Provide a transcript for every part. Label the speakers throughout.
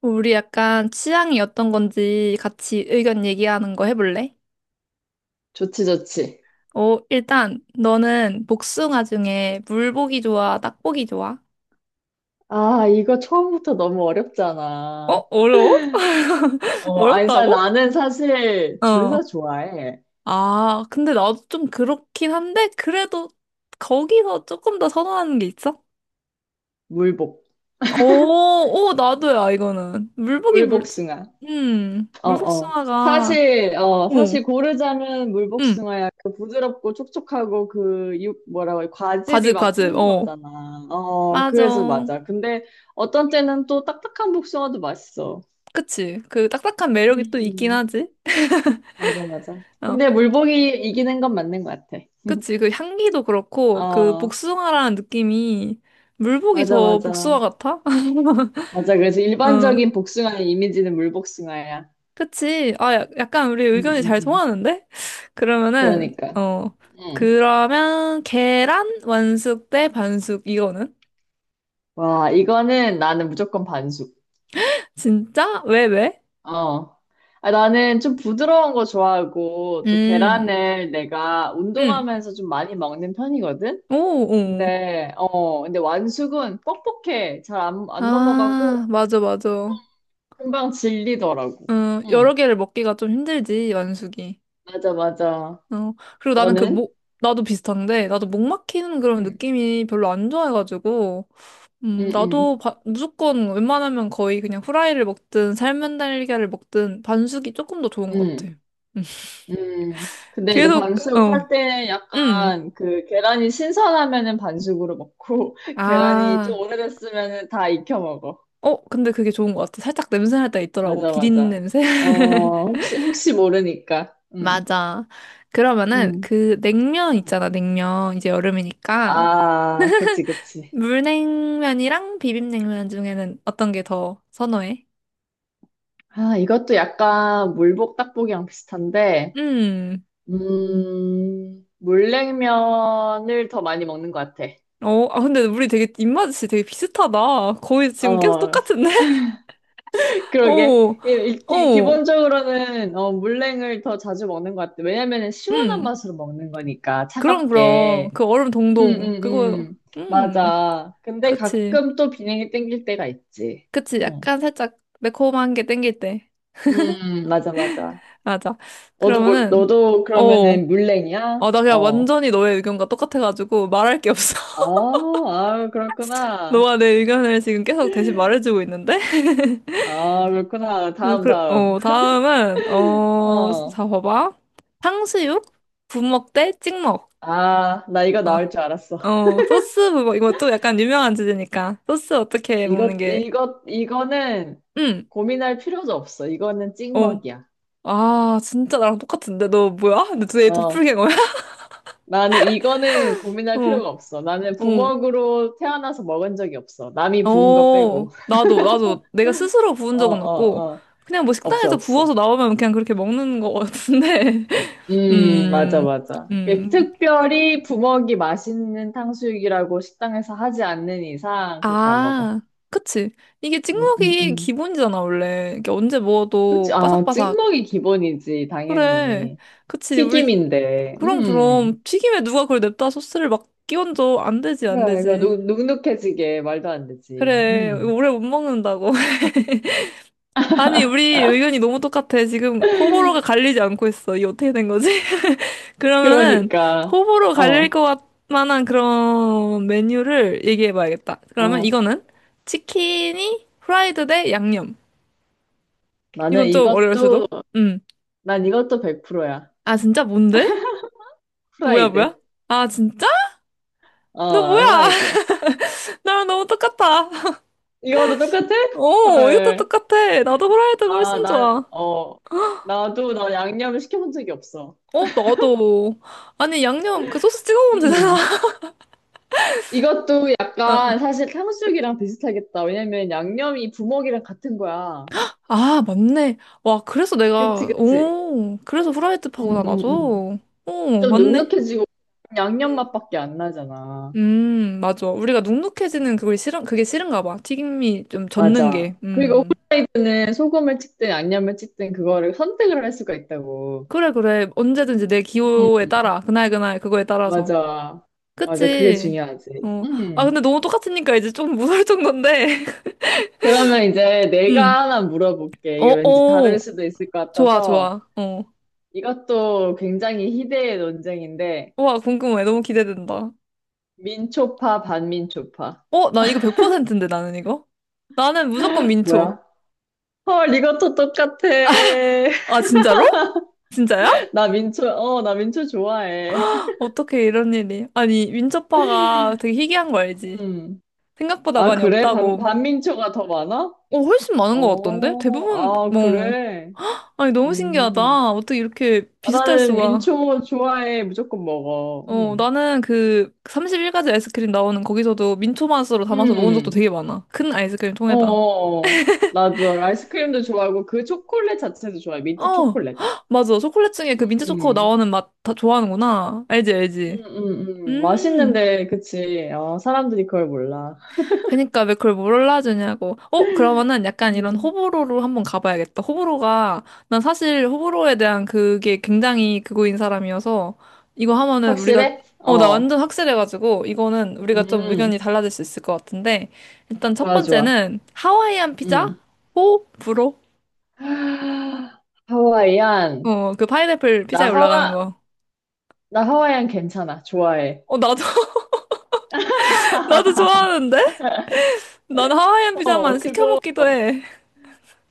Speaker 1: 우리 약간 취향이 어떤 건지 같이 의견 얘기하는 거 해볼래?
Speaker 2: 좋지, 좋지.
Speaker 1: 일단 너는 복숭아 중에 물복이 좋아, 딱복이 좋아?
Speaker 2: 아, 이거 처음부터 너무
Speaker 1: 어?
Speaker 2: 어렵잖아.
Speaker 1: 어려워?
Speaker 2: 어, 아니,
Speaker 1: 어렵다고?
Speaker 2: 나는 사실 둘
Speaker 1: 어.
Speaker 2: 다 좋아해.
Speaker 1: 아, 근데 나도 좀 그렇긴 한데 그래도 거기서 조금 더 선호하는 게 있어?
Speaker 2: 물복.
Speaker 1: 오, 오, 나도야, 이거는. 물복이 물,
Speaker 2: 물복숭아. 어, 어.
Speaker 1: 물복숭아가,
Speaker 2: 사실, 어,
Speaker 1: 오,
Speaker 2: 사실 고르자면
Speaker 1: 음,
Speaker 2: 물복숭아야. 그 부드럽고 촉촉하고 과즙이
Speaker 1: 과즙,
Speaker 2: 막
Speaker 1: 과즙, 어.
Speaker 2: 풍부하잖아. 어, 그래서
Speaker 1: 맞아.
Speaker 2: 맞아. 근데 어떤 때는 또 딱딱한 복숭아도 맛있어.
Speaker 1: 그치. 그 딱딱한 매력이 또 있긴
Speaker 2: 음,
Speaker 1: 하지.
Speaker 2: 맞아, 맞아.
Speaker 1: 어,
Speaker 2: 근데 물복이 이기는 건 맞는 것 같아.
Speaker 1: 그치. 그 향기도 그렇고, 그
Speaker 2: 어,
Speaker 1: 복숭아라는 느낌이 물복이
Speaker 2: 맞아,
Speaker 1: 더 복숭아
Speaker 2: 맞아.
Speaker 1: 같아?
Speaker 2: 맞아. 그래서
Speaker 1: 어,
Speaker 2: 일반적인 복숭아의 이미지는 물복숭아야.
Speaker 1: 그치. 아, 약간 우리
Speaker 2: 음,
Speaker 1: 의견이
Speaker 2: 음,
Speaker 1: 잘
Speaker 2: 음.
Speaker 1: 통하는데? 그러면은,
Speaker 2: 그러니까.
Speaker 1: 어,
Speaker 2: 응.
Speaker 1: 그러면 계란 완숙 대 반숙 이거는?
Speaker 2: 와, 이거는 나는 무조건 반숙.
Speaker 1: 진짜? 왜, 왜?
Speaker 2: 어. 아, 나는 좀 부드러운 거 좋아하고, 또
Speaker 1: 음,
Speaker 2: 계란을 내가
Speaker 1: 음.
Speaker 2: 운동하면서 좀 많이 먹는 편이거든?
Speaker 1: 오, 오.
Speaker 2: 근데, 어, 근데 완숙은 뻑뻑해. 잘 안, 안 넘어가고,
Speaker 1: 아, 맞아, 맞아.
Speaker 2: 금방 질리더라고. 응.
Speaker 1: 여러 개를 먹기가 좀 힘들지, 완숙이.
Speaker 2: 맞아, 맞아.
Speaker 1: 어, 그리고 나는 그
Speaker 2: 너는?
Speaker 1: 목, 나도 비슷한데, 나도 목 막히는 그런
Speaker 2: 음.
Speaker 1: 느낌이 별로 안 좋아해가지고,
Speaker 2: 응, 응,
Speaker 1: 나도 무조건 웬만하면 거의 그냥 후라이를 먹든 삶은 달걀을 먹든 반숙이 조금 더 좋은
Speaker 2: 응.
Speaker 1: 것 같아.
Speaker 2: 응.
Speaker 1: 음.
Speaker 2: 근데 이제
Speaker 1: 계속,
Speaker 2: 반숙할
Speaker 1: 어,
Speaker 2: 때
Speaker 1: 음.
Speaker 2: 약간 그 계란이 신선하면은 반숙으로 먹고 계란이 좀
Speaker 1: 아,
Speaker 2: 오래됐으면은 다 익혀 먹어.
Speaker 1: 근데 그게 좋은 것 같아. 살짝 냄새 날 때 있더라고.
Speaker 2: 맞아,
Speaker 1: 비린
Speaker 2: 맞아.
Speaker 1: 냄새?
Speaker 2: 어, 혹시 모르니까.
Speaker 1: 맞아. 그러면은
Speaker 2: 음.
Speaker 1: 그 냉면
Speaker 2: 음.
Speaker 1: 있잖아, 냉면. 이제 여름이니까.
Speaker 2: 아, 그치, 그치.
Speaker 1: 물냉면이랑 비빔냉면 중에는 어떤 게 더 선호해?
Speaker 2: 아, 이것도 약간 물복 닭볶이랑 비슷한데,
Speaker 1: 음.
Speaker 2: 물냉면을 더 많이 먹는 것 같아.
Speaker 1: 아, 근데 우리 되게 입맛이 되게 비슷하다. 거의 지금 계속
Speaker 2: 어,
Speaker 1: 똑같은데?
Speaker 2: 그러게.
Speaker 1: 어,
Speaker 2: 예,
Speaker 1: 어,
Speaker 2: 기본적으로는 어, 물냉을 더 자주 먹는 것 같아. 왜냐면은 시원한
Speaker 1: 음.
Speaker 2: 맛으로 먹는 거니까
Speaker 1: 그럼, 그럼.
Speaker 2: 차갑게.
Speaker 1: 그 얼음
Speaker 2: 음,
Speaker 1: 동동.
Speaker 2: 음,
Speaker 1: 그거, 음.
Speaker 2: 맞아. 근데
Speaker 1: 그치.
Speaker 2: 가끔 또 비냉이 땡길 때가 있지.
Speaker 1: 그치.
Speaker 2: 응.
Speaker 1: 약간 살짝 매콤한 게 땡길 때.
Speaker 2: 맞아, 맞아.
Speaker 1: 맞아. 그러면은,
Speaker 2: 너도
Speaker 1: 어.
Speaker 2: 그러면은 물냉이야?
Speaker 1: 아, 나 그냥
Speaker 2: 어.
Speaker 1: 완전히 너의 의견과 똑같아가지고 말할 게 없어.
Speaker 2: 아, 아, 그렇구나.
Speaker 1: 너가 내 의견을 지금 계속 대신 말해주고 있는데?
Speaker 2: 아, 그렇구나. 다음,
Speaker 1: 그,
Speaker 2: 다음.
Speaker 1: 다음은, 어,
Speaker 2: 어.
Speaker 1: 자, 봐봐. 탕수육? 부먹 대 찍먹.
Speaker 2: 아, 나 이거 나올 줄
Speaker 1: 어,
Speaker 2: 알았어.
Speaker 1: 소스 그거, 이거 또 약간 유명한 주제니까. 소스 어떻게 먹는 게,
Speaker 2: 이거는
Speaker 1: 응,
Speaker 2: 고민할 필요도 없어. 이거는
Speaker 1: 어.
Speaker 2: 찍먹이야.
Speaker 1: 아, 진짜 나랑 똑같은데? 너 뭐야? 근데 도대체
Speaker 2: 어,
Speaker 1: 도플갱어야?
Speaker 2: 나는 이거는 고민할
Speaker 1: 어,
Speaker 2: 필요가 없어. 나는
Speaker 1: 어,
Speaker 2: 부먹으로 태어나서 먹은 적이 없어. 남이 부은 거
Speaker 1: 어.
Speaker 2: 빼고.
Speaker 1: 나도, 내가 스스로 부은
Speaker 2: 어,
Speaker 1: 적은 없고,
Speaker 2: 어, 어.
Speaker 1: 그냥 뭐
Speaker 2: 없어,
Speaker 1: 식당에서
Speaker 2: 없어.
Speaker 1: 부어서 나오면 그냥 그렇게 먹는 거 같은데.
Speaker 2: 맞아,
Speaker 1: 음,
Speaker 2: 맞아. 이게
Speaker 1: 음.
Speaker 2: 특별히 부먹이 맛있는 탕수육이라고 식당에서 하지 않는 이상 그렇게 안 먹어.
Speaker 1: 아, 그치. 이게
Speaker 2: 음, 음,
Speaker 1: 찍먹이
Speaker 2: 음.
Speaker 1: 기본이잖아, 원래. 이게 언제
Speaker 2: 그치?
Speaker 1: 먹어도
Speaker 2: 아,
Speaker 1: 바삭바삭.
Speaker 2: 찍먹이 기본이지,
Speaker 1: 그래.
Speaker 2: 당연히.
Speaker 1: 그치. 우리
Speaker 2: 튀김인데.
Speaker 1: 그럼,
Speaker 2: 음.
Speaker 1: 그럼. 튀김에 누가 그걸 냅다 소스를 막 끼얹어. 안 되지, 안
Speaker 2: 그래,
Speaker 1: 되지.
Speaker 2: 눅눅해지게 말도 안 되지.
Speaker 1: 그래, 이거
Speaker 2: 음.
Speaker 1: 오래 못 먹는다고. 아니, 우리 의견이 너무 똑같아. 지금 호불호가 갈리지 않고 있어. 이게 어떻게 된 거지? 그러면은,
Speaker 2: 그러니까,
Speaker 1: 호불호 갈릴
Speaker 2: 어,
Speaker 1: 것 만한 그런 메뉴를 얘기해 봐야겠다. 그러면
Speaker 2: 어,
Speaker 1: 이거는? 치킨이 프라이드 대 양념.
Speaker 2: 나는
Speaker 1: 이건 좀 어려울
Speaker 2: 이것도,
Speaker 1: 수도. 음.
Speaker 2: 난 이것도 100%야.
Speaker 1: 아, 진짜? 뭔데? 뭐야,
Speaker 2: 후라이드.
Speaker 1: 뭐야? 아, 진짜? 너
Speaker 2: 어, 나
Speaker 1: 뭐야?
Speaker 2: 후라이드야.
Speaker 1: 나랑 너무 똑같아.
Speaker 2: 이거도 똑같아?
Speaker 1: 이것도
Speaker 2: 헐.
Speaker 1: 똑같아. 나도 후라이드가
Speaker 2: 아,
Speaker 1: 훨씬
Speaker 2: 난,
Speaker 1: 좋아.
Speaker 2: 어, 나도 나 양념을 시켜본 적이 없어.
Speaker 1: 어, 나도. 아니, 양념, 그 소스 찍어 먹으면 되잖아.
Speaker 2: 음. 이것도
Speaker 1: 어.
Speaker 2: 약간 사실 탕수육이랑 비슷하겠다. 왜냐면 양념이 부먹이랑 같은 거야.
Speaker 1: 아, 맞네. 와, 그래서
Speaker 2: 그치,
Speaker 1: 내가,
Speaker 2: 그치.
Speaker 1: 오, 그래서 후라이드
Speaker 2: 음,
Speaker 1: 파구나,
Speaker 2: 음, 음.
Speaker 1: 나도. 오,
Speaker 2: 좀
Speaker 1: 맞네.
Speaker 2: 눅눅해지고 양념
Speaker 1: 음,
Speaker 2: 맛밖에 안 나잖아.
Speaker 1: 맞아. 우리가 눅눅해지는 그걸 싫은, 그게 싫은가 봐. 튀김이 좀 젖는 게.
Speaker 2: 맞아. 그리고
Speaker 1: 음.
Speaker 2: 우리는 소금을 찍든 양념을 찍든 그거를 선택을 할 수가 있다고.
Speaker 1: 그래, 그래. 언제든지 내 기호에
Speaker 2: 음,
Speaker 1: 따라. 그날, 그날, 그거에 따라서.
Speaker 2: 맞아. 맞아. 그게
Speaker 1: 그치?
Speaker 2: 중요하지.
Speaker 1: 어. 아,
Speaker 2: 음.
Speaker 1: 근데 너무 똑같으니까 이제 좀 무서울 정도인데.
Speaker 2: 그러면 이제
Speaker 1: 음.
Speaker 2: 내가 하나 물어볼게.
Speaker 1: 어,
Speaker 2: 이게 왠지
Speaker 1: 어.
Speaker 2: 다를 수도 있을 것
Speaker 1: 좋아,
Speaker 2: 같아서
Speaker 1: 좋아. 어.
Speaker 2: 이것도 굉장히 희대의 논쟁인데
Speaker 1: 와, 궁금해. 너무 기대된다.
Speaker 2: 민초파 반민초파.
Speaker 1: 난 이거 100%인데, 나는 이거? 나는 무조건 민초.
Speaker 2: 뭐야? 헐, 이것도 똑같아.
Speaker 1: 아, 진짜로? 진짜야?
Speaker 2: 나 민초, 어, 나 민초 좋아해.
Speaker 1: 어떻게 이런 일이. 아니, 민초파가 되게 희귀한 거 알지?
Speaker 2: 음.
Speaker 1: 생각보다
Speaker 2: 아,
Speaker 1: 많이
Speaker 2: 그래?
Speaker 1: 없다고.
Speaker 2: 반민초가 더 많아?
Speaker 1: 훨씬 많은 것 같던데? 대부분,
Speaker 2: 어, 아,
Speaker 1: 뭐.
Speaker 2: 그래.
Speaker 1: 아니, 너무
Speaker 2: 음.
Speaker 1: 신기하다. 어떻게 이렇게
Speaker 2: 아,
Speaker 1: 비슷할
Speaker 2: 나는
Speaker 1: 수가.
Speaker 2: 민초 좋아해. 무조건 먹어. 음.
Speaker 1: 나는 그 31가지 아이스크림 나오는 거기서도 민초 맛으로 담아서 먹은 적도
Speaker 2: 음.
Speaker 1: 되게 많아. 큰 아이스크림
Speaker 2: 어,
Speaker 1: 통에다.
Speaker 2: 어, 어. 맞아. 아이스크림도 좋아하고 그 초콜릿 자체도 좋아해. 민트
Speaker 1: 어,
Speaker 2: 초콜릿.
Speaker 1: 헉, 맞아. 초콜릿 중에 그 민트 초코
Speaker 2: 음.
Speaker 1: 나오는 맛 다 좋아하는구나. 알지, 알지. 음,
Speaker 2: 맛있는데, 그치. 어, 사람들이 그걸 몰라.
Speaker 1: 그니까 왜 그걸 몰라주냐고. 그러면은 약간 이런
Speaker 2: 음.
Speaker 1: 호불호로 한번 가봐야겠다. 호불호가, 난 사실 호불호에 대한 그게 굉장히 그거인 사람이어서, 이거 하면은 우리가,
Speaker 2: 확실해?
Speaker 1: 어, 나
Speaker 2: 어.
Speaker 1: 완전 확실해가지고, 이거는 우리가 좀
Speaker 2: 음.
Speaker 1: 의견이 달라질 수 있을 것 같은데, 일단 첫
Speaker 2: 좋아, 좋아.
Speaker 1: 번째는 하와이안 피자?
Speaker 2: 음.
Speaker 1: 호불호?
Speaker 2: 하, 하와이안.
Speaker 1: 그 파인애플
Speaker 2: 나
Speaker 1: 피자에 올라가는
Speaker 2: 하와,
Speaker 1: 거.
Speaker 2: 나 하와이안 괜찮아. 좋아해.
Speaker 1: 어, 나도, 나도 좋아하는데? 난 하와이안 피자만
Speaker 2: 어,
Speaker 1: 시켜
Speaker 2: 그거,
Speaker 1: 먹기도 해.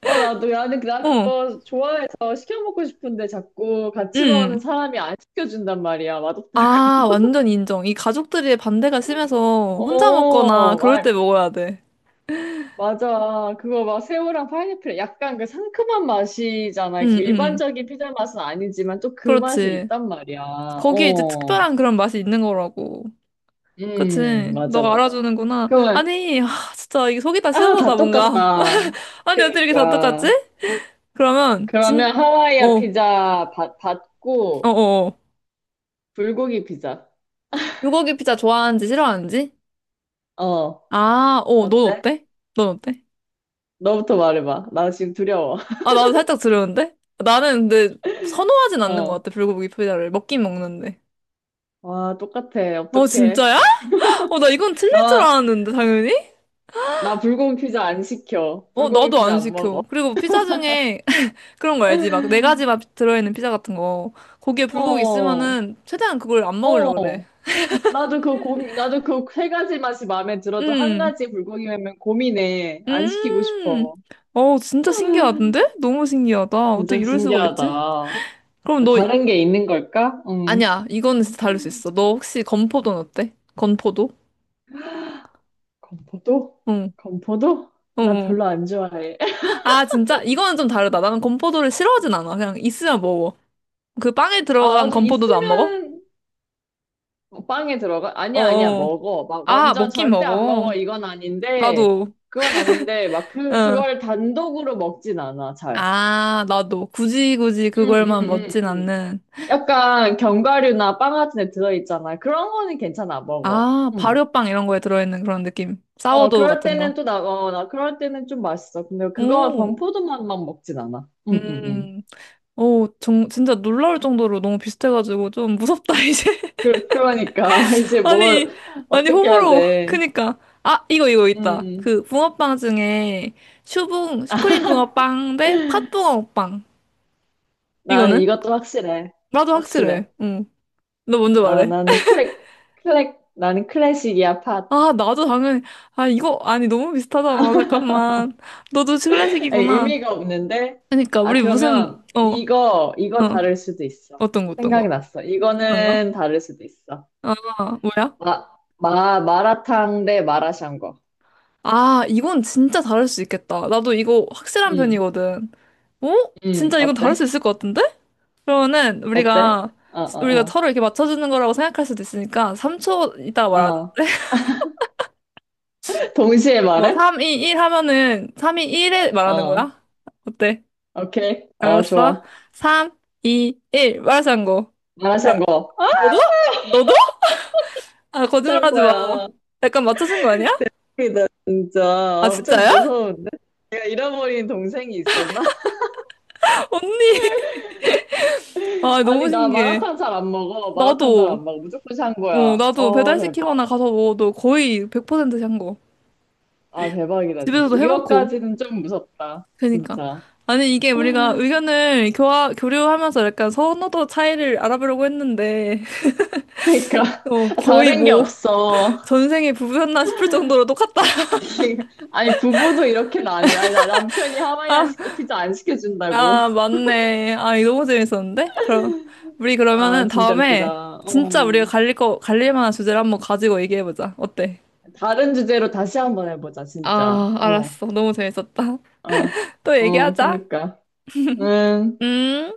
Speaker 2: 어, 나도, 나는, 나
Speaker 1: 어, 응.
Speaker 2: 그거 좋아해서 시켜먹고 싶은데 자꾸 같이 먹는
Speaker 1: 응.
Speaker 2: 사람이 안 시켜준단 말이야. 맛없다고.
Speaker 1: 아, 완전 인정. 이 가족들의 반대가 심해서 혼자 먹거나
Speaker 2: 어,
Speaker 1: 그럴
Speaker 2: 아,
Speaker 1: 때 먹어야 돼.
Speaker 2: 맞아. 그거 막 새우랑 파인애플 약간 그 상큼한
Speaker 1: 응,
Speaker 2: 맛이잖아. 그
Speaker 1: 응, 응.
Speaker 2: 일반적인 피자 맛은 아니지만 또 그 맛이
Speaker 1: 그렇지.
Speaker 2: 있단 말이야.
Speaker 1: 거기에 이제
Speaker 2: 어,
Speaker 1: 특별한 그런 맛이 있는 거라고. 그치.
Speaker 2: 맞아,
Speaker 1: 너가
Speaker 2: 맞아.
Speaker 1: 알아주는구나.
Speaker 2: 그러면,
Speaker 1: 아니, 아, 진짜 이게 속이 다
Speaker 2: 아,
Speaker 1: 시원하다,
Speaker 2: 다
Speaker 1: 뭔가.
Speaker 2: 똑같다.
Speaker 1: 아니, 어떻게 이렇게 다 똑같지?
Speaker 2: 그니까.
Speaker 1: 그러면,
Speaker 2: 그러면
Speaker 1: 어,
Speaker 2: 하와이아
Speaker 1: 어,
Speaker 2: 피자
Speaker 1: 어,
Speaker 2: 받고
Speaker 1: 어.
Speaker 2: 불고기 피자.
Speaker 1: 불고기 피자 좋아하는지 싫어하는지?
Speaker 2: 어,
Speaker 1: 아, 넌
Speaker 2: 어때?
Speaker 1: 어때? 넌 어때?
Speaker 2: 너부터 말해봐. 나 지금 두려워.
Speaker 1: 아, 나도 살짝 두려운데? 나는 근데 선호하진 않는 것
Speaker 2: 어.
Speaker 1: 같아, 불고기 피자를. 먹긴 먹는데.
Speaker 2: 와, 똑같아.
Speaker 1: 어,
Speaker 2: 어떡해.
Speaker 1: 진짜야? 나 이건 틀릴 줄
Speaker 2: 나,
Speaker 1: 알았는데, 당연히?
Speaker 2: 나 불고기 피자 안 시켜. 불고기
Speaker 1: 나도
Speaker 2: 피자
Speaker 1: 안
Speaker 2: 안 먹어.
Speaker 1: 시켜. 그리고 피자 중에 그런 거 알지? 막 네 가지 맛 들어있는 피자 같은 거. 거기에 불고기
Speaker 2: 어,
Speaker 1: 있으면은 최대한 그걸 안 먹으려고
Speaker 2: 어.
Speaker 1: 그래.
Speaker 2: 나도 그 세 가지 맛이 마음에 들어도 한
Speaker 1: 음,
Speaker 2: 가지 불고기면 고민해. 안 시키고
Speaker 1: 음.
Speaker 2: 싶어.
Speaker 1: 진짜 신기하던데? 너무 신기하다. 어떻게
Speaker 2: 진짜
Speaker 1: 이럴 수가 있지?
Speaker 2: 신기하다.
Speaker 1: 그럼 너.
Speaker 2: 다른 게 있는 걸까? 음.
Speaker 1: 아니야. 이거는 진짜 다를 수 있어. 너 혹시 건포도는 어때? 건포도?
Speaker 2: 건포도?
Speaker 1: 응,
Speaker 2: 건포도?
Speaker 1: 응,
Speaker 2: 나
Speaker 1: 응.
Speaker 2: 별로 안 좋아해.
Speaker 1: 아, 진짜? 이거는 좀 다르다. 나는 건포도를 싫어하진 않아. 그냥 있으면 먹어. 그 빵에
Speaker 2: 아,
Speaker 1: 들어간
Speaker 2: 나도
Speaker 1: 건포도도 안 먹어?
Speaker 2: 있으면 어, 빵에 들어가? 아니야, 아니야,
Speaker 1: 어어.
Speaker 2: 먹어. 막
Speaker 1: 아,
Speaker 2: 완전
Speaker 1: 먹긴
Speaker 2: 절대 안 먹어.
Speaker 1: 먹어.
Speaker 2: 이건 아닌데,
Speaker 1: 나도.
Speaker 2: 그건 아닌데,
Speaker 1: 응.
Speaker 2: 그걸 단독으로 먹진 않아, 잘.
Speaker 1: 아, 나도. 굳이 굳이
Speaker 2: 응, 응,
Speaker 1: 그걸만
Speaker 2: 응,
Speaker 1: 먹진
Speaker 2: 음.
Speaker 1: 않는.
Speaker 2: 약간 견과류나 빵 같은 데 들어있잖아. 그런 거는 괜찮아, 먹어.
Speaker 1: 아,
Speaker 2: 음.
Speaker 1: 발효빵 이런 거에 들어있는 그런 느낌.
Speaker 2: 어,
Speaker 1: 사워도우
Speaker 2: 그럴
Speaker 1: 같은 거.
Speaker 2: 때는 또 나, 어, 나 그럴 때는 좀 맛있어. 근데 그거
Speaker 1: 오.
Speaker 2: 범포도만만 먹진 않아. 응, 응, 응.
Speaker 1: 음. 오, 진짜 놀라울 정도로 너무 비슷해가지고 좀 무섭다, 이제.
Speaker 2: 그, 그러니까, 이제 뭘,
Speaker 1: 아니, 아니,
Speaker 2: 어떻게 해야
Speaker 1: 호불호.
Speaker 2: 돼.
Speaker 1: 그니까. 아, 이거 있다.
Speaker 2: 응.
Speaker 1: 그, 붕어빵 중에, 슈크림 붕어빵 대 팥붕어빵.
Speaker 2: 나는
Speaker 1: 이거는?
Speaker 2: 이것도 확실해.
Speaker 1: 나도
Speaker 2: 확실해.
Speaker 1: 확실해. 응. 너 먼저
Speaker 2: 아,
Speaker 1: 말해.
Speaker 2: 나는 클래식이야, 팟.
Speaker 1: 아, 나도 당연히. 아, 이거, 아니, 너무 비슷하잖아. 잠깐만. 너도
Speaker 2: 아니,
Speaker 1: 클래식이구나.
Speaker 2: 의미가 없는데?
Speaker 1: 그니까,
Speaker 2: 아,
Speaker 1: 우리 무슨,
Speaker 2: 그러면
Speaker 1: 어,
Speaker 2: 이거, 이거
Speaker 1: 어.
Speaker 2: 다를 수도 있어.
Speaker 1: 어떤 거, 어떤
Speaker 2: 생각이
Speaker 1: 거?
Speaker 2: 났어.
Speaker 1: 어떤 거?
Speaker 2: 이거는 다를 수도 있어.
Speaker 1: 아, 뭐야?
Speaker 2: 마, 마라탕 대 마라샹궈.
Speaker 1: 아, 이건 진짜 다를 수 있겠다. 나도 이거 확실한
Speaker 2: 음,
Speaker 1: 편이거든. 어? 진짜 이건 다를 수
Speaker 2: 어때?
Speaker 1: 있을 것 같은데? 그러면은
Speaker 2: 어때?
Speaker 1: 우리가
Speaker 2: 어,
Speaker 1: 우리가
Speaker 2: 어,
Speaker 1: 서로 이렇게 맞춰주는 거라고 생각할 수도 있으니까 3초 이따
Speaker 2: 어,
Speaker 1: 말하자.
Speaker 2: 어. 동시에 말해?
Speaker 1: 3, 2, 1 하면은 3, 2, 1에 말하는
Speaker 2: 어,
Speaker 1: 거야? 어때?
Speaker 2: 오케이. 어,
Speaker 1: 알았어?
Speaker 2: 좋아.
Speaker 1: 3, 2, 1 말하자고. 마-
Speaker 2: 마라샹궈. 아,
Speaker 1: 너도? 너도? 아 거짓말하지 마.
Speaker 2: 샹궈야.
Speaker 1: 약간 맞춰준 거 아니야?
Speaker 2: 이다 진짜.
Speaker 1: 아
Speaker 2: 아, 좀
Speaker 1: 진짜야?
Speaker 2: 무서운데? 내가 잃어버린 동생이 있었나?
Speaker 1: 언니. 아 너무
Speaker 2: 아니, 나
Speaker 1: 신기해.
Speaker 2: 마라탕 잘 안 먹어. 마라탕 잘
Speaker 1: 나도.
Speaker 2: 안 먹어. 무조건 샹궈야.
Speaker 1: 나도
Speaker 2: 어, 대박.
Speaker 1: 배달시키거나 가서 먹어도 거의 100%한 고
Speaker 2: 아, 대박이다, 진짜.
Speaker 1: 집에서도 해먹고.
Speaker 2: 이거까지는 좀 무섭다.
Speaker 1: 그니까.
Speaker 2: 진짜.
Speaker 1: 아니, 이게 우리가 의견을 교류하면서 약간 선호도 차이를 알아보려고 했는데,
Speaker 2: 그러니까
Speaker 1: 어, 거의
Speaker 2: 다른 게
Speaker 1: 뭐,
Speaker 2: 없어.
Speaker 1: 전생에 부부였나 싶을 정도로 똑같다.
Speaker 2: 아니 부부도 이렇게 나는 아니 나 남편이 하와이안
Speaker 1: 아,
Speaker 2: 시 피자 안 시켜준다고.
Speaker 1: 아, 맞네. 아, 이거 너무 재밌었는데? 그럼, 우리
Speaker 2: 아
Speaker 1: 그러면은
Speaker 2: 진짜
Speaker 1: 다음에
Speaker 2: 웃기다.
Speaker 1: 진짜 우리가
Speaker 2: 어
Speaker 1: 갈릴 만한 주제를 한번 가지고 얘기해보자. 어때?
Speaker 2: 다른 주제로 다시 한번 해보자 진짜.
Speaker 1: 아,
Speaker 2: 어
Speaker 1: 알았어. 너무 재밌었다.
Speaker 2: 어
Speaker 1: 또
Speaker 2: 어
Speaker 1: 얘기하자.
Speaker 2: 그니까. 응
Speaker 1: 음.